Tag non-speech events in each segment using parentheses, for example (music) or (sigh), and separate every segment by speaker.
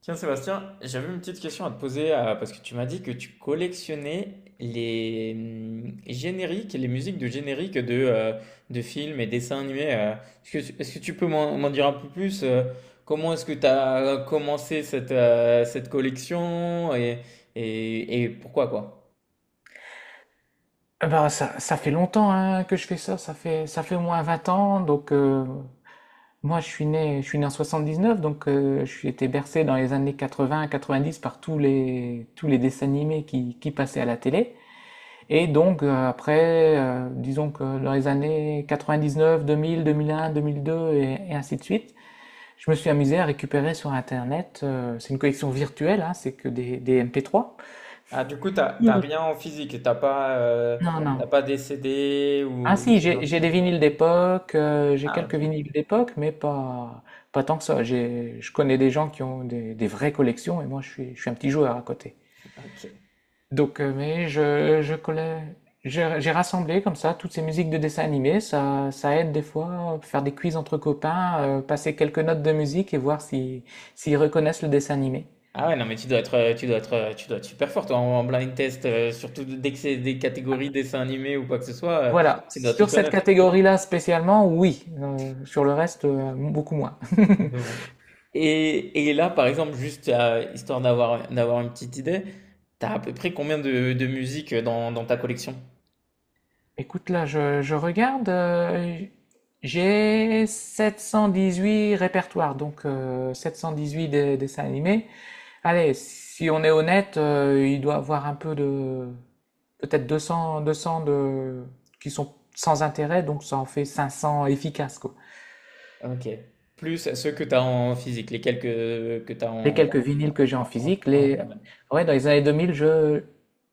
Speaker 1: Tiens Sébastien, j'avais une petite question à te poser, parce que tu m'as dit que tu collectionnais les génériques et les musiques de génériques de de films et dessins animés. Est-ce que, est-ce que tu peux m'en dire un peu plus? Comment est-ce que tu as commencé cette cette collection et, et pourquoi quoi?
Speaker 2: Eh ben, ça fait longtemps, hein, que je fais ça. Ça fait au moins 20 ans. Donc, moi, je suis né en 79. Donc, je suis été bercé dans les années 80, 90 par tous les dessins animés qui passaient à la télé. Et donc, après, disons que dans les années 99, 2000, 2001, 2002, et ainsi de suite, je me suis amusé à récupérer sur Internet. C'est une collection virtuelle, hein, c'est que des MP3.
Speaker 1: Ah, du coup t'as rien en physique,
Speaker 2: Non, non.
Speaker 1: t'as pas des CD
Speaker 2: Ah,
Speaker 1: ou
Speaker 2: si,
Speaker 1: ce genre
Speaker 2: j'ai
Speaker 1: de
Speaker 2: j'ai des
Speaker 1: choses.
Speaker 2: vinyles d'époque. J'ai
Speaker 1: Ah
Speaker 2: quelques
Speaker 1: ok.
Speaker 2: vinyles d'époque, mais pas tant que ça. Je connais des gens qui ont des vraies collections, et moi je suis un petit joueur à côté.
Speaker 1: Ok.
Speaker 2: Donc, mais je collais, j'ai rassemblé comme ça toutes ces musiques de dessins animés. Ça aide des fois, faire des quiz entre copains, passer quelques notes de musique et voir si, s'ils reconnaissent le dessin animé.
Speaker 1: Ah ouais, non, mais tu dois être super fort toi en blind test, surtout dès que c'est des catégories dessins animés ou quoi que ce soit,
Speaker 2: Voilà,
Speaker 1: tu dois tout
Speaker 2: sur cette
Speaker 1: connaître
Speaker 2: catégorie-là spécialement, oui. Sur le reste, beaucoup moins. (laughs)
Speaker 1: un peu au. Et là, par exemple, juste, histoire d'avoir une petite idée, t'as à peu près combien de musique dans ta collection?
Speaker 2: Écoute, là, je regarde. J'ai 718 répertoires. Donc, 718 dessins animés. Allez, si on est honnête, il doit avoir un peu de... Peut-être 200, 200 qui sont sans intérêt. Donc ça en fait 500 efficaces, quoi.
Speaker 1: OK. Plus ceux que t'as en physique, les quelques que t'as
Speaker 2: Les
Speaker 1: en
Speaker 2: quelques vinyles que j'ai en
Speaker 1: en en
Speaker 2: physique,
Speaker 1: en
Speaker 2: les... Ouais, dans les années 2000, je...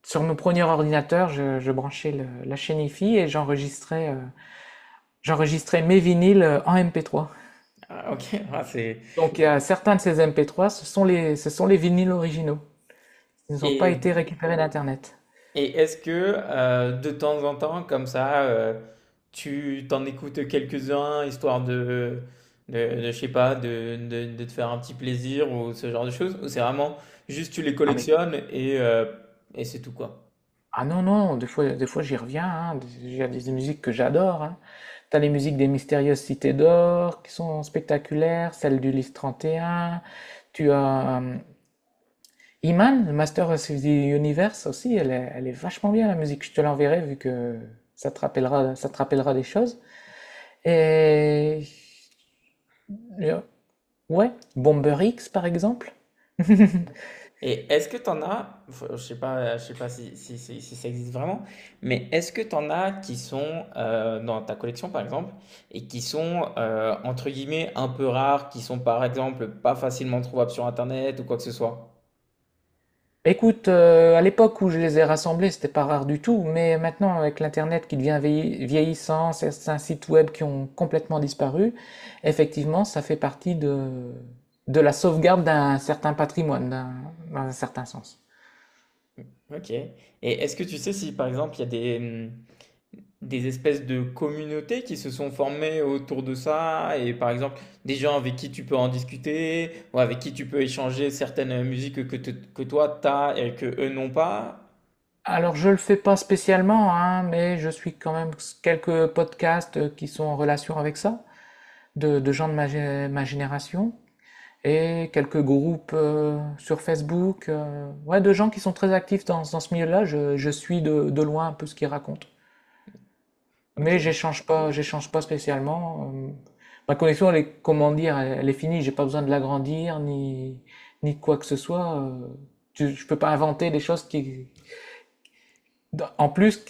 Speaker 2: Sur mon premier ordinateur, je branchais la chaîne hi, et j'enregistrais, j'enregistrais mes vinyles, en MP3.
Speaker 1: Ah, ok, (laughs) Ah, c'est...
Speaker 2: Donc, certains de ces MP3, ce sont les vinyles originaux. Ils n'ont pas
Speaker 1: Et,
Speaker 2: été récupérés d'Internet.
Speaker 1: et est-ce que, de temps en temps, comme ça, tu t'en écoutes quelques-uns, histoire de, je sais pas, de te faire un petit plaisir ou ce genre de choses? Ou c'est vraiment juste tu les
Speaker 2: Ah, mais,
Speaker 1: collectionnes et c'est tout quoi?
Speaker 2: ah, non, non, des fois j'y reviens, hein. Il y a des musiques que j'adore. Hein. T'as les musiques des Mystérieuses Cités d'Or qui sont spectaculaires, celles du Lys 31. Tu as, Iman, le Master of the Universe aussi, elle est vachement bien, la musique. Je te l'enverrai, vu que ça te rappellera des choses. Et. Yeah. Ouais, Bomber X par exemple.
Speaker 1: Et est-ce que t'en as, enfin, je sais pas, si ça existe vraiment, mais est-ce que t'en as qui sont, dans ta collection par exemple et qui sont, entre guillemets un peu rares, qui sont par exemple pas facilement trouvables sur internet ou quoi que ce soit?
Speaker 2: (laughs) Écoute, à l'époque où je les ai rassemblés, c'était pas rare du tout, mais maintenant avec l'internet qui devient vieillissant, certains sites web qui ont complètement disparu, effectivement, ça fait partie de la sauvegarde d'un certain patrimoine, dans un certain sens.
Speaker 1: Ok. Et est-ce que tu sais si par exemple il y a des espèces de communautés qui se sont formées autour de ça et par exemple des gens avec qui tu peux en discuter ou avec qui tu peux échanger certaines musiques que toi t'as et que eux n'ont pas?
Speaker 2: Alors je le fais pas spécialement, hein, mais je suis quand même quelques podcasts qui sont en relation avec ça, de gens de ma génération. Et quelques groupes, sur Facebook, ouais, de gens qui sont très actifs dans ce milieu-là. Je suis de loin un peu ce qu'ils racontent. Mais
Speaker 1: Ok.
Speaker 2: j'échange pas spécialement. Ma connexion, elle est, comment dire, elle est finie. J'ai pas besoin de l'agrandir, ni, ni de quoi que ce soit. Je peux pas inventer des choses qui, en plus,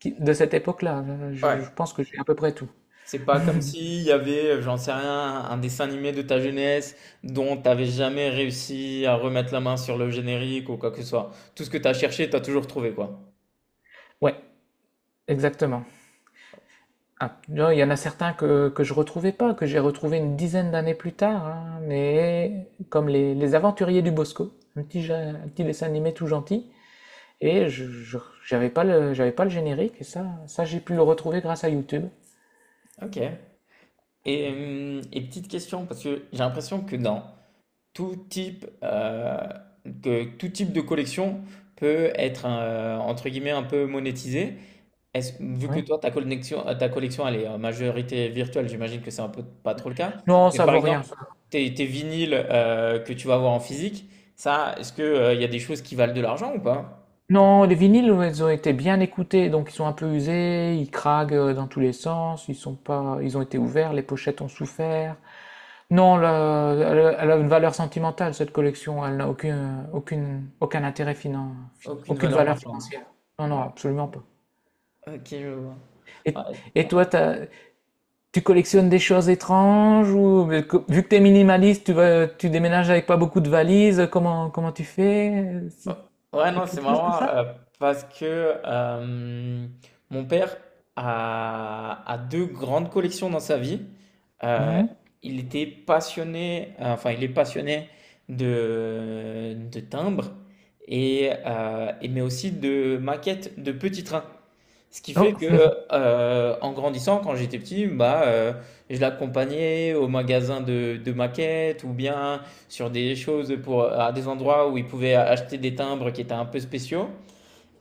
Speaker 2: de cette époque-là. Je
Speaker 1: Ouais.
Speaker 2: pense que j'ai à peu près tout.
Speaker 1: C'est pas comme s'il y avait, j'en sais rien, un dessin animé de ta jeunesse dont t'avais jamais réussi à remettre la main sur le générique ou quoi que ce soit. Tout ce que t'as cherché, t'as toujours trouvé, quoi.
Speaker 2: Ouais, exactement. Ah, non, il y en a certains que je retrouvais pas, que j'ai retrouvé une dizaine d'années plus tard, hein, mais comme les, Aventuriers du Bosco, un petit dessin animé tout gentil, et j'avais pas le générique, et ça j'ai pu le retrouver grâce à YouTube.
Speaker 1: Ok. Et petite question, parce que j'ai l'impression que dans tout type, que tout type de collection peut être, entre guillemets, un peu monétisé. Est-ce vu que
Speaker 2: Oui.
Speaker 1: toi, ta collection, elle est en majorité virtuelle, j'imagine que c'est un peu pas trop le cas.
Speaker 2: Non,
Speaker 1: Mais
Speaker 2: ça
Speaker 1: par
Speaker 2: vaut rien,
Speaker 1: exemple,
Speaker 2: ça.
Speaker 1: tes vinyles que tu vas avoir en physique, ça, est-ce que, il y a des choses qui valent de l'argent ou pas?
Speaker 2: Non, les vinyles, ouais, ils ont été bien écoutés, donc ils sont un peu usés, ils craquent, dans tous les sens. Ils sont pas, Ils ont été ouverts, les pochettes ont souffert. Non, elle, a une valeur sentimentale, cette collection. Elle n'a aucune, aucune, aucun intérêt
Speaker 1: Aucune
Speaker 2: aucune
Speaker 1: valeur
Speaker 2: valeur
Speaker 1: marchande.
Speaker 2: financière. Non, non,
Speaker 1: Ouais.
Speaker 2: absolument pas.
Speaker 1: Ok, je vois.
Speaker 2: Et,
Speaker 1: Ouais.
Speaker 2: et toi, tu collectionnes des choses étranges? Ou mais vu que tu es minimaliste, tu déménages avec pas beaucoup de valises. Comment tu fais?
Speaker 1: Oh,
Speaker 2: C'est-
Speaker 1: ouais, non, c'est marrant, parce que, euh, mon père a deux grandes collections dans sa vie. Euh,
Speaker 2: Mhm.
Speaker 1: il était passionné, enfin, il est passionné de timbres mais aussi de maquettes de petits trains. Ce qui fait
Speaker 2: Oh.
Speaker 1: que, en grandissant, quand j'étais petit, bah, je l'accompagnais au magasin de maquettes ou bien sur des choses pour à des endroits où il pouvait acheter des timbres qui étaient un peu spéciaux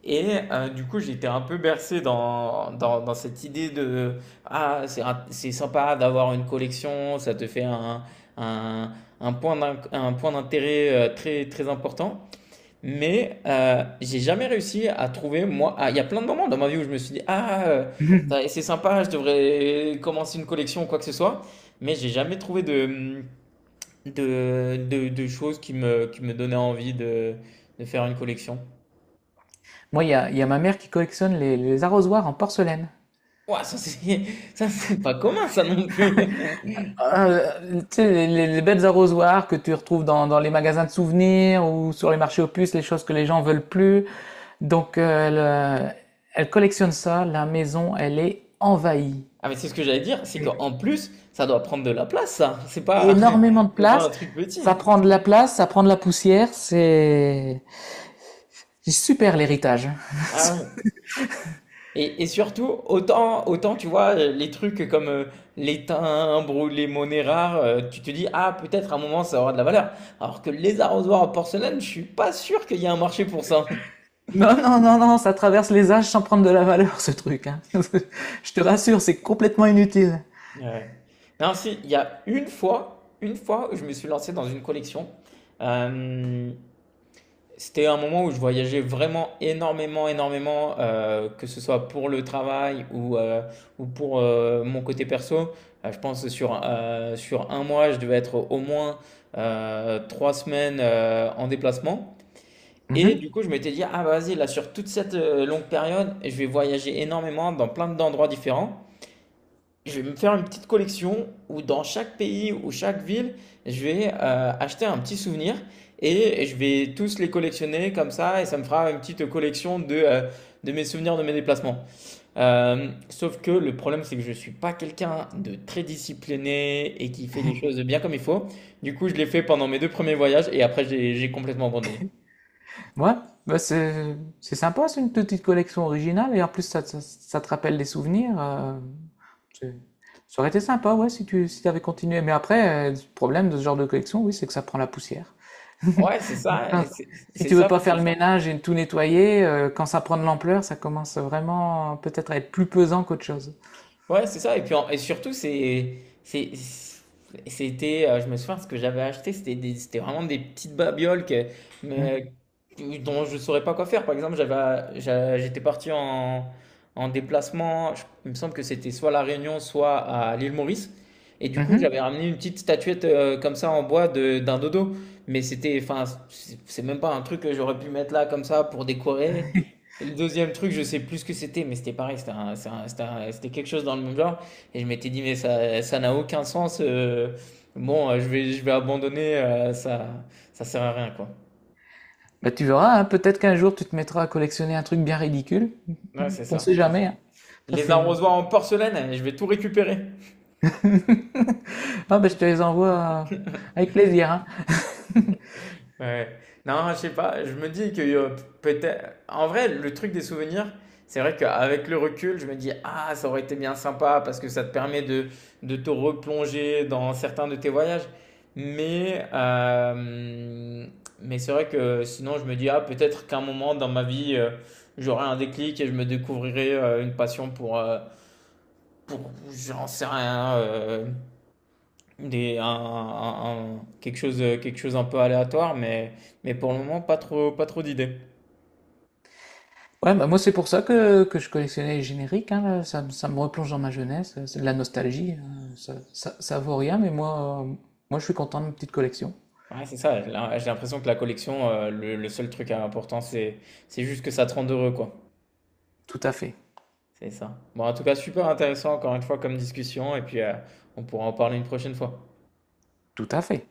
Speaker 1: et, du coup, j'étais un peu bercé dans cette idée de: «Ah, c'est sympa d'avoir une collection, ça te fait un un point d'inc un point d'intérêt, très, très important.» Mais, j'ai jamais réussi à trouver, moi, ah, il y a plein de moments dans ma vie où je me suis dit, ah, ça- c'est
Speaker 2: (laughs)
Speaker 1: sympa, je devrais commencer une collection ou quoi que ce soit, mais j'ai jamais trouvé de choses qui me donnaient envie de faire une collection.
Speaker 2: Moi, il y a ma mère qui collectionne les arrosoirs en porcelaine.
Speaker 1: Ouah, (laughs) ça c'est pas commun ça non plus.
Speaker 2: Ah, tu sais, les bêtes arrosoirs que tu retrouves dans les magasins de souvenirs ou sur les marchés aux puces, les choses que les gens veulent plus. Donc, elle collectionne ça. La maison, elle est envahie.
Speaker 1: Ah mais c'est ce que j'allais dire, c'est
Speaker 2: Et-
Speaker 1: qu'en plus, ça doit prendre de la place ça, c'est pas,
Speaker 2: énormément de
Speaker 1: (laughs) c'est pas un
Speaker 2: place.
Speaker 1: truc petit.
Speaker 2: Ça prend de la place, ça prend de la poussière. C'est super, l'héritage.
Speaker 1: Ah ouais.
Speaker 2: (laughs)
Speaker 1: Et, surtout, autant, tu vois, les trucs comme les timbres ou les monnaies rares, tu te dis, ah, peut-être à un moment ça aura de la valeur. Alors que les arrosoirs en porcelaine, je suis pas sûr qu'il y ait un marché pour ça. (laughs)
Speaker 2: Non, non, non, non, ça traverse les âges sans prendre de la valeur, ce truc, hein. (laughs) Je te rassure, c'est complètement inutile.
Speaker 1: Ouais. Non, si, il y a une fois où je me suis lancé dans une collection. Euh, C'était un moment où je voyageais vraiment énormément, que ce soit pour le travail ou, ou pour, mon côté perso. Je pense que sur un mois, je devais être au moins, trois semaines, en déplacement. Et
Speaker 2: Mhm.
Speaker 1: du coup, je m'étais dit, ah bah, vas-y, là, sur toute cette, longue période, je vais voyager énormément dans plein d'endroits différents. Je vais me faire une petite collection où dans chaque pays ou chaque ville, je vais, acheter un petit souvenir et je vais tous les collectionner comme ça et ça me fera une petite collection de de mes souvenirs de mes déplacements. Sauf que le problème, c'est que je ne suis pas quelqu'un de très discipliné et qui fait les choses bien comme il faut. Du coup, je l'ai fait pendant mes deux premiers voyages et après, j'ai complètement abandonné.
Speaker 2: Ouais, bah, c'est sympa, c'est une petite collection originale, et en plus, ça te rappelle des souvenirs. C'est- Ça aurait été sympa, ouais, si t'avais continué. Mais après, le problème de ce genre de collection, oui, c'est que ça prend la poussière.
Speaker 1: Ouais,
Speaker 2: (laughs) Quand- Si
Speaker 1: c'est
Speaker 2: tu veux
Speaker 1: ça.
Speaker 2: pas faire le ménage et tout nettoyer, quand ça prend de l'ampleur, ça commence vraiment, peut-être à être plus pesant qu'autre chose.
Speaker 1: Ouais, c'est ça. Et puis surtout, c'est, c'était, je me souviens, ce que j'avais acheté, c'était vraiment des petites babioles
Speaker 2: Hmm.
Speaker 1: mais, dont je ne saurais pas quoi faire. Par exemple, j'étais parti en, en déplacement. Il me semble que c'était soit à La Réunion, soit à l'île Maurice. Et du coup,
Speaker 2: Mhm.
Speaker 1: j'avais ramené une petite statuette, comme ça en bois d'un dodo. Mais c'était, enfin, c'est même pas un truc que j'aurais pu mettre là comme ça pour décorer. Et le deuxième truc, je sais plus ce que c'était, mais c'était pareil, c'était un- c'est un- c'était quelque chose dans le même genre. Et je m'étais dit, mais ça n'a aucun sens. Je vais, je vais abandonner, ça sert à rien, quoi.
Speaker 2: Bah, tu verras, hein, peut-être qu'un jour tu te mettras à collectionner un truc bien ridicule.
Speaker 1: Ouais, c'est
Speaker 2: (laughs) On sait
Speaker 1: ça.
Speaker 2: jamais, hein. Ça
Speaker 1: Les
Speaker 2: c'est
Speaker 1: arrosoirs en porcelaine, je vais tout récupérer.
Speaker 2: (laughs) Ah, bah, je te les envoie, avec plaisir, hein.
Speaker 1: Ouais. Non, je sais pas, je me dis que, peut-être... En vrai, le truc des souvenirs, c'est vrai qu'avec le recul, je me dis, ah, ça aurait été bien sympa parce que ça te permet de te replonger dans certains de tes voyages. Mais, euh, mais c'est vrai que sinon, je me dis, ah, peut-être qu'un moment dans ma vie, j'aurai un déclic et je me découvrirai, une passion pour j'en sais rien, des, un- quelque chose un peu aléatoire, mais pour le moment, pas trop d'idées.
Speaker 2: Ouais, bah, moi c'est pour ça que je collectionnais les génériques, hein. Là, ça me replonge dans ma jeunesse. C'est de la nostalgie. Ça vaut rien, mais moi je suis content de ma petite collection.
Speaker 1: Ouais, c'est ça, j'ai l'impression que la collection, le seul truc important, c'est juste que ça te rende heureux, quoi.
Speaker 2: Tout à fait.
Speaker 1: C'est ça. Bon, en tout cas, super intéressant, encore une fois, comme discussion, et puis, on pourra en parler une prochaine fois.
Speaker 2: Tout à fait.